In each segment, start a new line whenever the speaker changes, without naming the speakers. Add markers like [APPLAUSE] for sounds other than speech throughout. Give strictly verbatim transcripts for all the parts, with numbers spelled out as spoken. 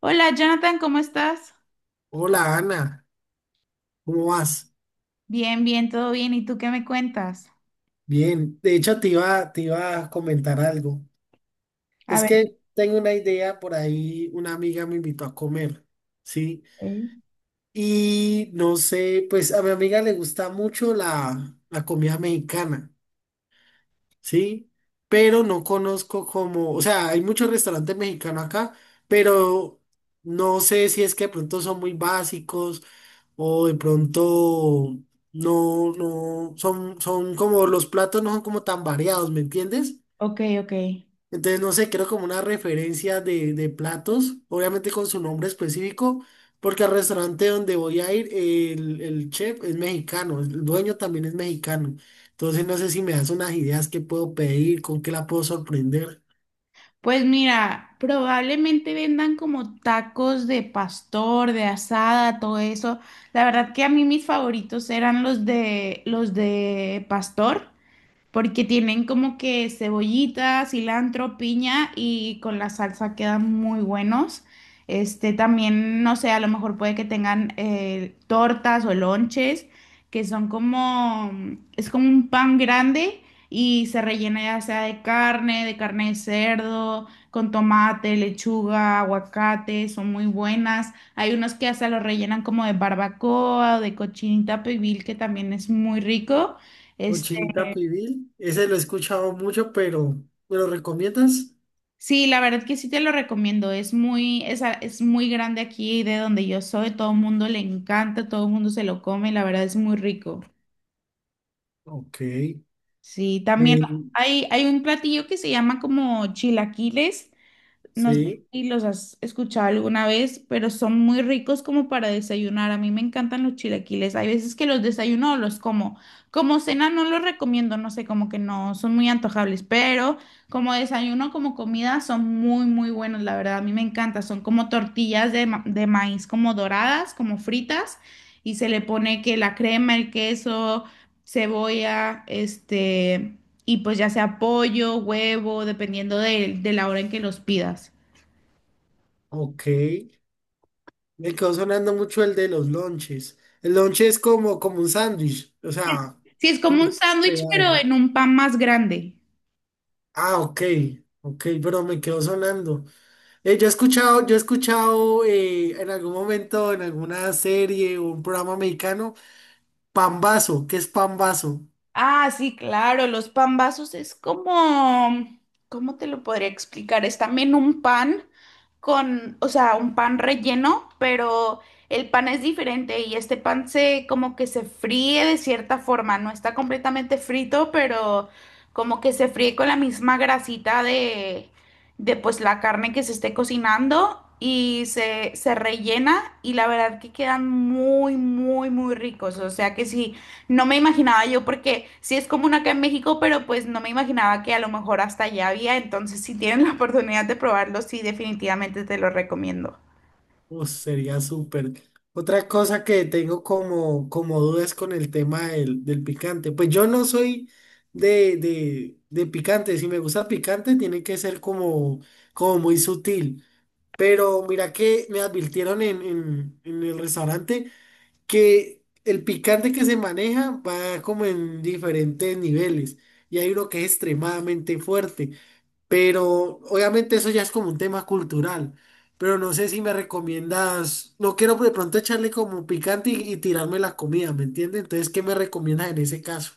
Hola, Jonathan, ¿cómo estás?
Hola Ana, ¿cómo vas?
Bien, bien, todo bien. ¿Y tú qué me cuentas?
Bien, de hecho te iba, te iba a comentar algo.
A
Es
ver.
que tengo una idea por ahí, una amiga me invitó a comer, ¿sí?
Ok,
Y no sé, pues a mi amiga le gusta mucho la, la comida mexicana. ¿Sí? Pero no conozco como, o sea, hay muchos restaurantes mexicanos acá, pero no sé si es que de pronto son muy básicos o de pronto no, no, son, son como, los platos no son como tan variados, ¿me entiendes?
ok. Ok.
Entonces, no sé, creo como una referencia de, de platos, obviamente con su nombre específico, porque al restaurante donde voy a ir, el, el chef es mexicano, el dueño también es mexicano. Entonces, no sé si me das unas ideas que puedo pedir, con qué la puedo sorprender.
Pues mira, probablemente vendan como tacos de pastor, de asada, todo eso. La verdad que a mí mis favoritos eran los de los de pastor, porque tienen como que cebollita, cilantro, piña y con la salsa quedan muy buenos. Este también, no sé, a lo mejor puede que tengan eh, tortas o lonches, que son como, es como un pan grande y se rellena ya sea de carne, de carne de cerdo, con tomate, lechuga, aguacate, son muy buenas. Hay unos que hasta los rellenan como de barbacoa o de cochinita pibil, que también es muy rico.
Mochilita pibil, ese lo he escuchado mucho, pero ¿me lo recomiendas?
Sí, la verdad que sí te lo recomiendo. Es muy, es, a- es muy grande aquí de donde yo soy. Todo el mundo le encanta, todo el mundo se lo come. La verdad es muy rico.
Ok.
Sí, también
eh,
hay, hay un platillo que se llama como chilaquiles. No sé
sí,
si los has escuchado alguna vez, pero son muy ricos como para desayunar. A mí me encantan los chilaquiles. Hay veces que los desayuno o los como. Como cena no los recomiendo, no sé, como que no son muy antojables, pero como desayuno, como comida, son muy, muy buenos, la verdad. A mí me encanta. Son como tortillas de, ma- de maíz, como doradas, como fritas, y se le pone que la crema, el queso, cebolla, este, y pues ya sea pollo, huevo, dependiendo de, de la hora en que los pidas.
ok. Me quedó sonando mucho el de los lonches. El lonche es como, como un sándwich, o sea,
Sí, es como
como
un sándwich,
plegado.
pero en un pan más grande.
Ah, ok, ok, pero me quedó sonando. Eh, yo he escuchado, yo he escuchado eh, en algún momento, en alguna serie o un programa mexicano, pambazo, ¿qué es pambazo?
Ah, sí, claro, los pambazos es como, ¿cómo te lo podría explicar? Es también un pan con, o sea, un pan relleno, pero el pan es diferente y este pan se como que se fríe de cierta forma, no está completamente frito, pero como que se fríe con la misma grasita de, de pues la carne que se esté cocinando y se, se rellena y la verdad que quedan muy, muy, muy ricos, o sea que sí, no me imaginaba yo, porque sí es común acá en México, pero pues no me imaginaba que a lo mejor hasta allá había. Entonces, si tienen la oportunidad de probarlo, sí, definitivamente te lo recomiendo.
Uh, sería súper. Otra cosa que tengo como, como dudas con el tema del, del picante. Pues yo no soy de, de, de picante. Si me gusta picante, tiene que ser como, como muy sutil. Pero mira que me advirtieron en, en, en el restaurante que el picante que se maneja va como en diferentes niveles. Y hay uno que es extremadamente fuerte. Pero obviamente eso ya es como un tema cultural. Pero no sé si me recomiendas. No quiero de pronto echarle como picante y, y tirarme la comida, ¿me entiendes? Entonces, ¿qué me recomiendas en ese caso?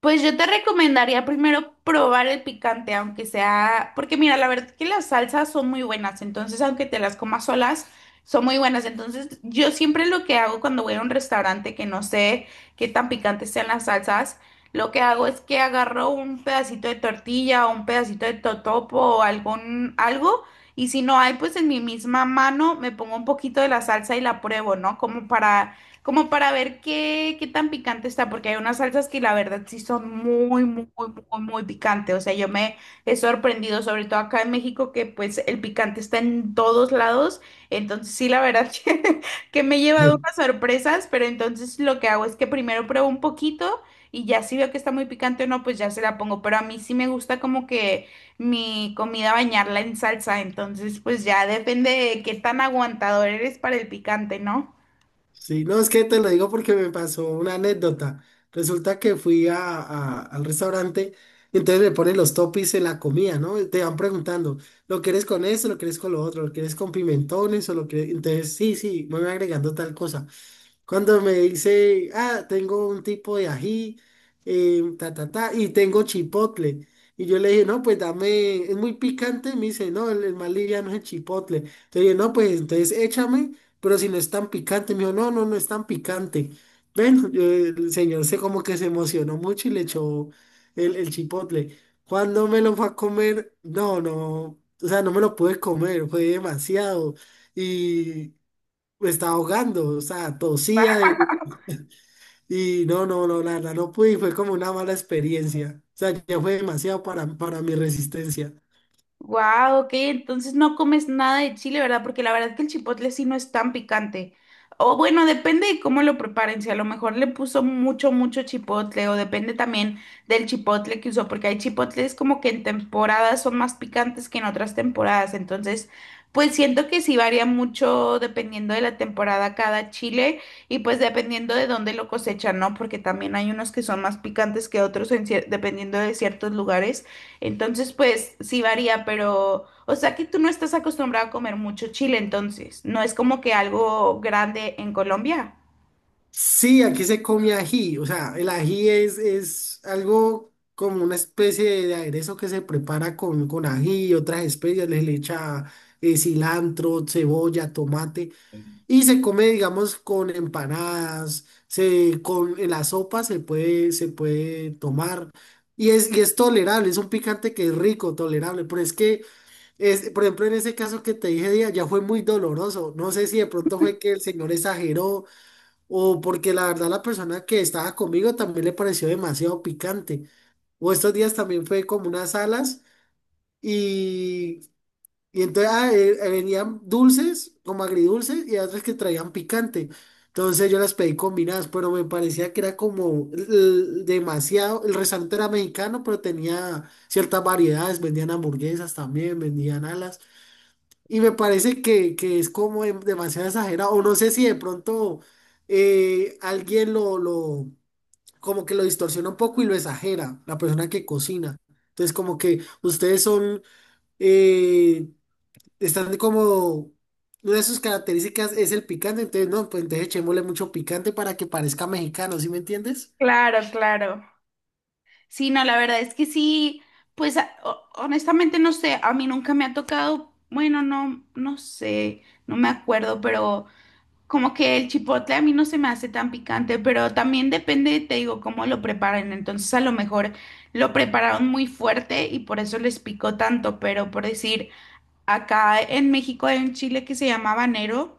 Pues yo te recomendaría primero probar el picante, aunque sea, porque mira, la verdad que las salsas son muy buenas, entonces aunque te las comas solas, son muy buenas. Entonces yo siempre lo que hago cuando voy a un restaurante que no sé qué tan picantes sean las salsas, lo que hago es que agarro un pedacito de tortilla o un pedacito de totopo o algún algo, y si no hay, pues en mi misma mano me pongo un poquito de la salsa y la pruebo, ¿no? Como para como para ver qué, qué tan picante está, porque hay unas salsas que la verdad sí son muy, muy, muy, muy picantes. O sea, yo me he sorprendido, sobre todo acá en México, que pues el picante está en todos lados. Entonces sí, la verdad [LAUGHS] que, que me he llevado unas
[LAUGHS]
sorpresas, pero entonces lo que hago es que primero pruebo un poquito y ya si veo que está muy picante o no, pues ya se la pongo. Pero a mí sí me gusta como que mi comida bañarla en salsa, entonces pues ya depende de qué tan aguantador eres para el picante, ¿no?
Sí, no, es que te lo digo porque me pasó una anécdota. Resulta que fui a, a- al restaurante y entonces me ponen los toppings en la comida, ¿no? Y te van preguntando, ¿lo quieres con esto, lo quieres con lo otro, lo quieres con pimentones o lo quieres? Entonces, sí, sí, me voy agregando tal cosa. Cuando me dice, ah, tengo un tipo de ají, eh, ta, ta, ta, y tengo chipotle. Y yo le dije, no, pues dame, es muy picante. Y me dice, no, el, el más liviano es el chipotle. Entonces dije, no, pues entonces échame, pero si no es tan picante. Me dijo, no, no, no es tan picante. Bueno, yo- el señor se como que se emocionó mucho y le echó el, el chipotle. Cuando me lo fue a comer, no, no, o sea, no me lo pude comer, fue demasiado, me estaba ahogando, o sea, tosía de- y no, no, no, la verdad no pude y fue como una mala experiencia. O sea, ya fue demasiado para, para mi resistencia.
Wow, ok, entonces no comes nada de chile, ¿verdad? Porque la verdad que el chipotle sí no es tan picante. O bueno, depende de cómo lo preparen, si a lo mejor le puso mucho, mucho chipotle, o depende también del chipotle que usó, porque hay chipotles como que en temporadas son más picantes que en otras temporadas. Entonces, pues siento que sí varía mucho dependiendo de la temporada cada chile y pues dependiendo de dónde lo cosechan, ¿no? Porque también hay unos que son más picantes que otros en cier- dependiendo de ciertos lugares. Entonces, pues sí varía, pero, o sea que tú no estás acostumbrado a comer mucho chile, entonces, no es como que algo grande en Colombia.
Sí, aquí se come ají, o sea, el ají es, es algo como una especie de, de aderezo que se prepara con, con ají y otras especias, le, le echa eh, cilantro, cebolla, tomate. Y se come, digamos, con empanadas, se, con en la sopa se puede, se puede tomar. Y es, y es tolerable, es un picante que es rico, tolerable. Pero es que, es, por ejemplo, en ese caso que te dije ya, ya fue muy doloroso. No sé si de pronto fue que el señor exageró o porque la verdad la persona que estaba conmigo también le pareció demasiado picante. O estos días también fue como unas alas y entonces ah, eh, eh, venían dulces, como agridulces, y otras que traían picante. Entonces yo las pedí combinadas, pero me parecía que era como l- demasiado. El restaurante era mexicano, pero tenía ciertas variedades. Vendían hamburguesas también, vendían alas. Y me parece que, que es como dem- demasiado exagerado. O no sé si de pronto eh, alguien lo, lo, como que lo distorsiona un poco y lo exagera, la persona que cocina. Entonces como que ustedes son... eh, están como, una de sus características es el picante, entonces no, pues entonces echémosle mucho picante para que parezca mexicano, ¿sí me entiendes?
Claro, claro. Sí, no, la verdad es que sí, pues a- ho- honestamente no sé, a mí nunca me ha tocado, bueno, no, no sé, no me acuerdo, pero como que el chipotle a mí no se me hace tan picante, pero también depende, te digo, cómo lo preparen. Entonces, a lo mejor lo prepararon muy fuerte y por eso les picó tanto, pero por decir... Acá en México hay un chile que se llama habanero,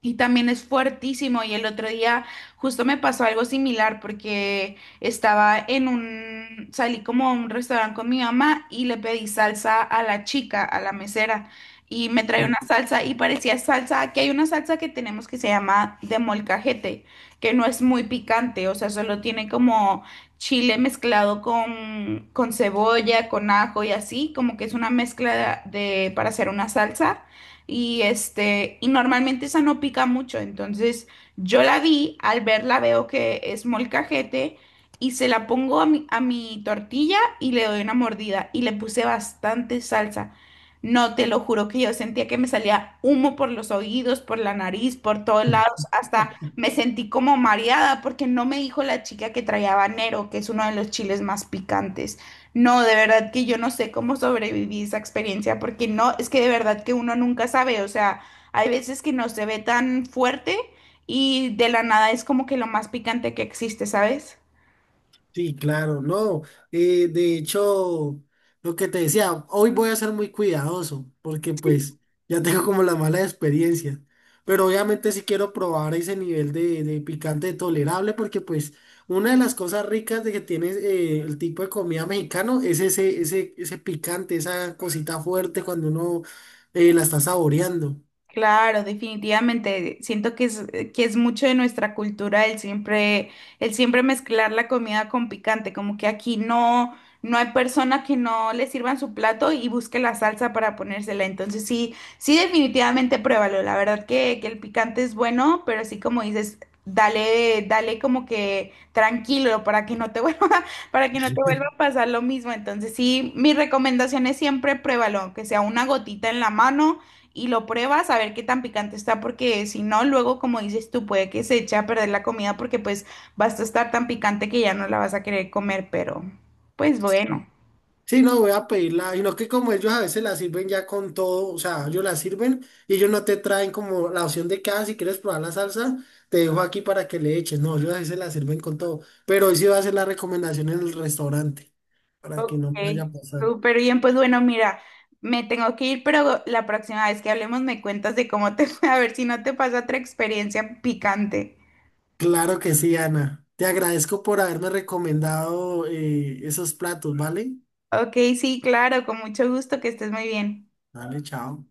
y también es fuertísimo. Y el otro día justo me pasó algo similar porque estaba en un, salí como a un restaurante con mi mamá y le pedí salsa a la chica, a la mesera. Y me trae una salsa y parecía salsa, aquí hay una salsa que tenemos que se llama de molcajete, que no es muy picante, o sea, solo tiene como chile mezclado con, con cebolla, con ajo y así, como que es una mezcla de, para hacer una salsa y este, y normalmente esa no pica mucho, entonces yo la vi, al verla veo que es molcajete y se la pongo a mi, a mi tortilla y le doy una mordida y le puse bastante salsa. No, te lo juro que yo sentía que me salía humo por los oídos, por la nariz, por todos lados, hasta me sentí como mareada porque no me dijo la chica que traía habanero, que es uno de los chiles más picantes. No, de verdad que yo no sé cómo sobreviví esa experiencia, porque no, es que de verdad que uno nunca sabe, o sea, hay veces que no se ve tan fuerte y de la nada es como que lo más picante que existe, ¿sabes?
Sí, claro, no. eh, de hecho, lo que te decía, hoy voy a ser muy cuidadoso porque pues ya tengo como la mala experiencia. Pero obviamente sí quiero probar ese nivel de, de picante tolerable porque pues una de las cosas ricas de que tiene eh, el tipo de comida mexicano es ese, ese, ese picante, esa cosita fuerte cuando uno eh, la está saboreando.
Claro, definitivamente. Siento que es, que es mucho de nuestra cultura el siempre, el siempre mezclar la comida con picante, como que aquí no, no hay persona que no le sirvan su plato y busque la salsa para ponérsela. Entonces sí, sí, definitivamente pruébalo. La verdad que, que el picante es bueno, pero sí como dices, dale, dale como que tranquilo para que no te [LAUGHS] vuelva, para que no te vuelva a pasar lo mismo. Entonces sí, mi recomendación es siempre pruébalo, aunque sea una gotita en la mano y lo pruebas a ver qué tan picante está, porque si no, luego, como dices tú, puede que se eche a perder la comida porque pues vas a estar tan picante que ya no la vas a querer comer, pero pues bueno.
Sí, no, voy a pedirla, sino que como ellos a veces la sirven ya con todo, o sea, ellos la sirven y ellos no te traen como la opción de que, ah, si quieres probar la salsa, te dejo aquí para que le eches. No, ellos a veces la sirven con todo, pero hoy sí va a hacer la recomendación en el restaurante, para que
Ok,
no vaya a pasar.
súper bien, pues bueno, mira, me tengo que ir, pero la próxima vez que hablemos me cuentas de cómo te fue, [LAUGHS] a ver si no te pasa otra experiencia picante.
Claro que sí, Ana. Te agradezco por haberme recomendado eh, esos platos, ¿vale?
Ok, sí, claro, con mucho gusto, que estés muy bien.
Dale, chao.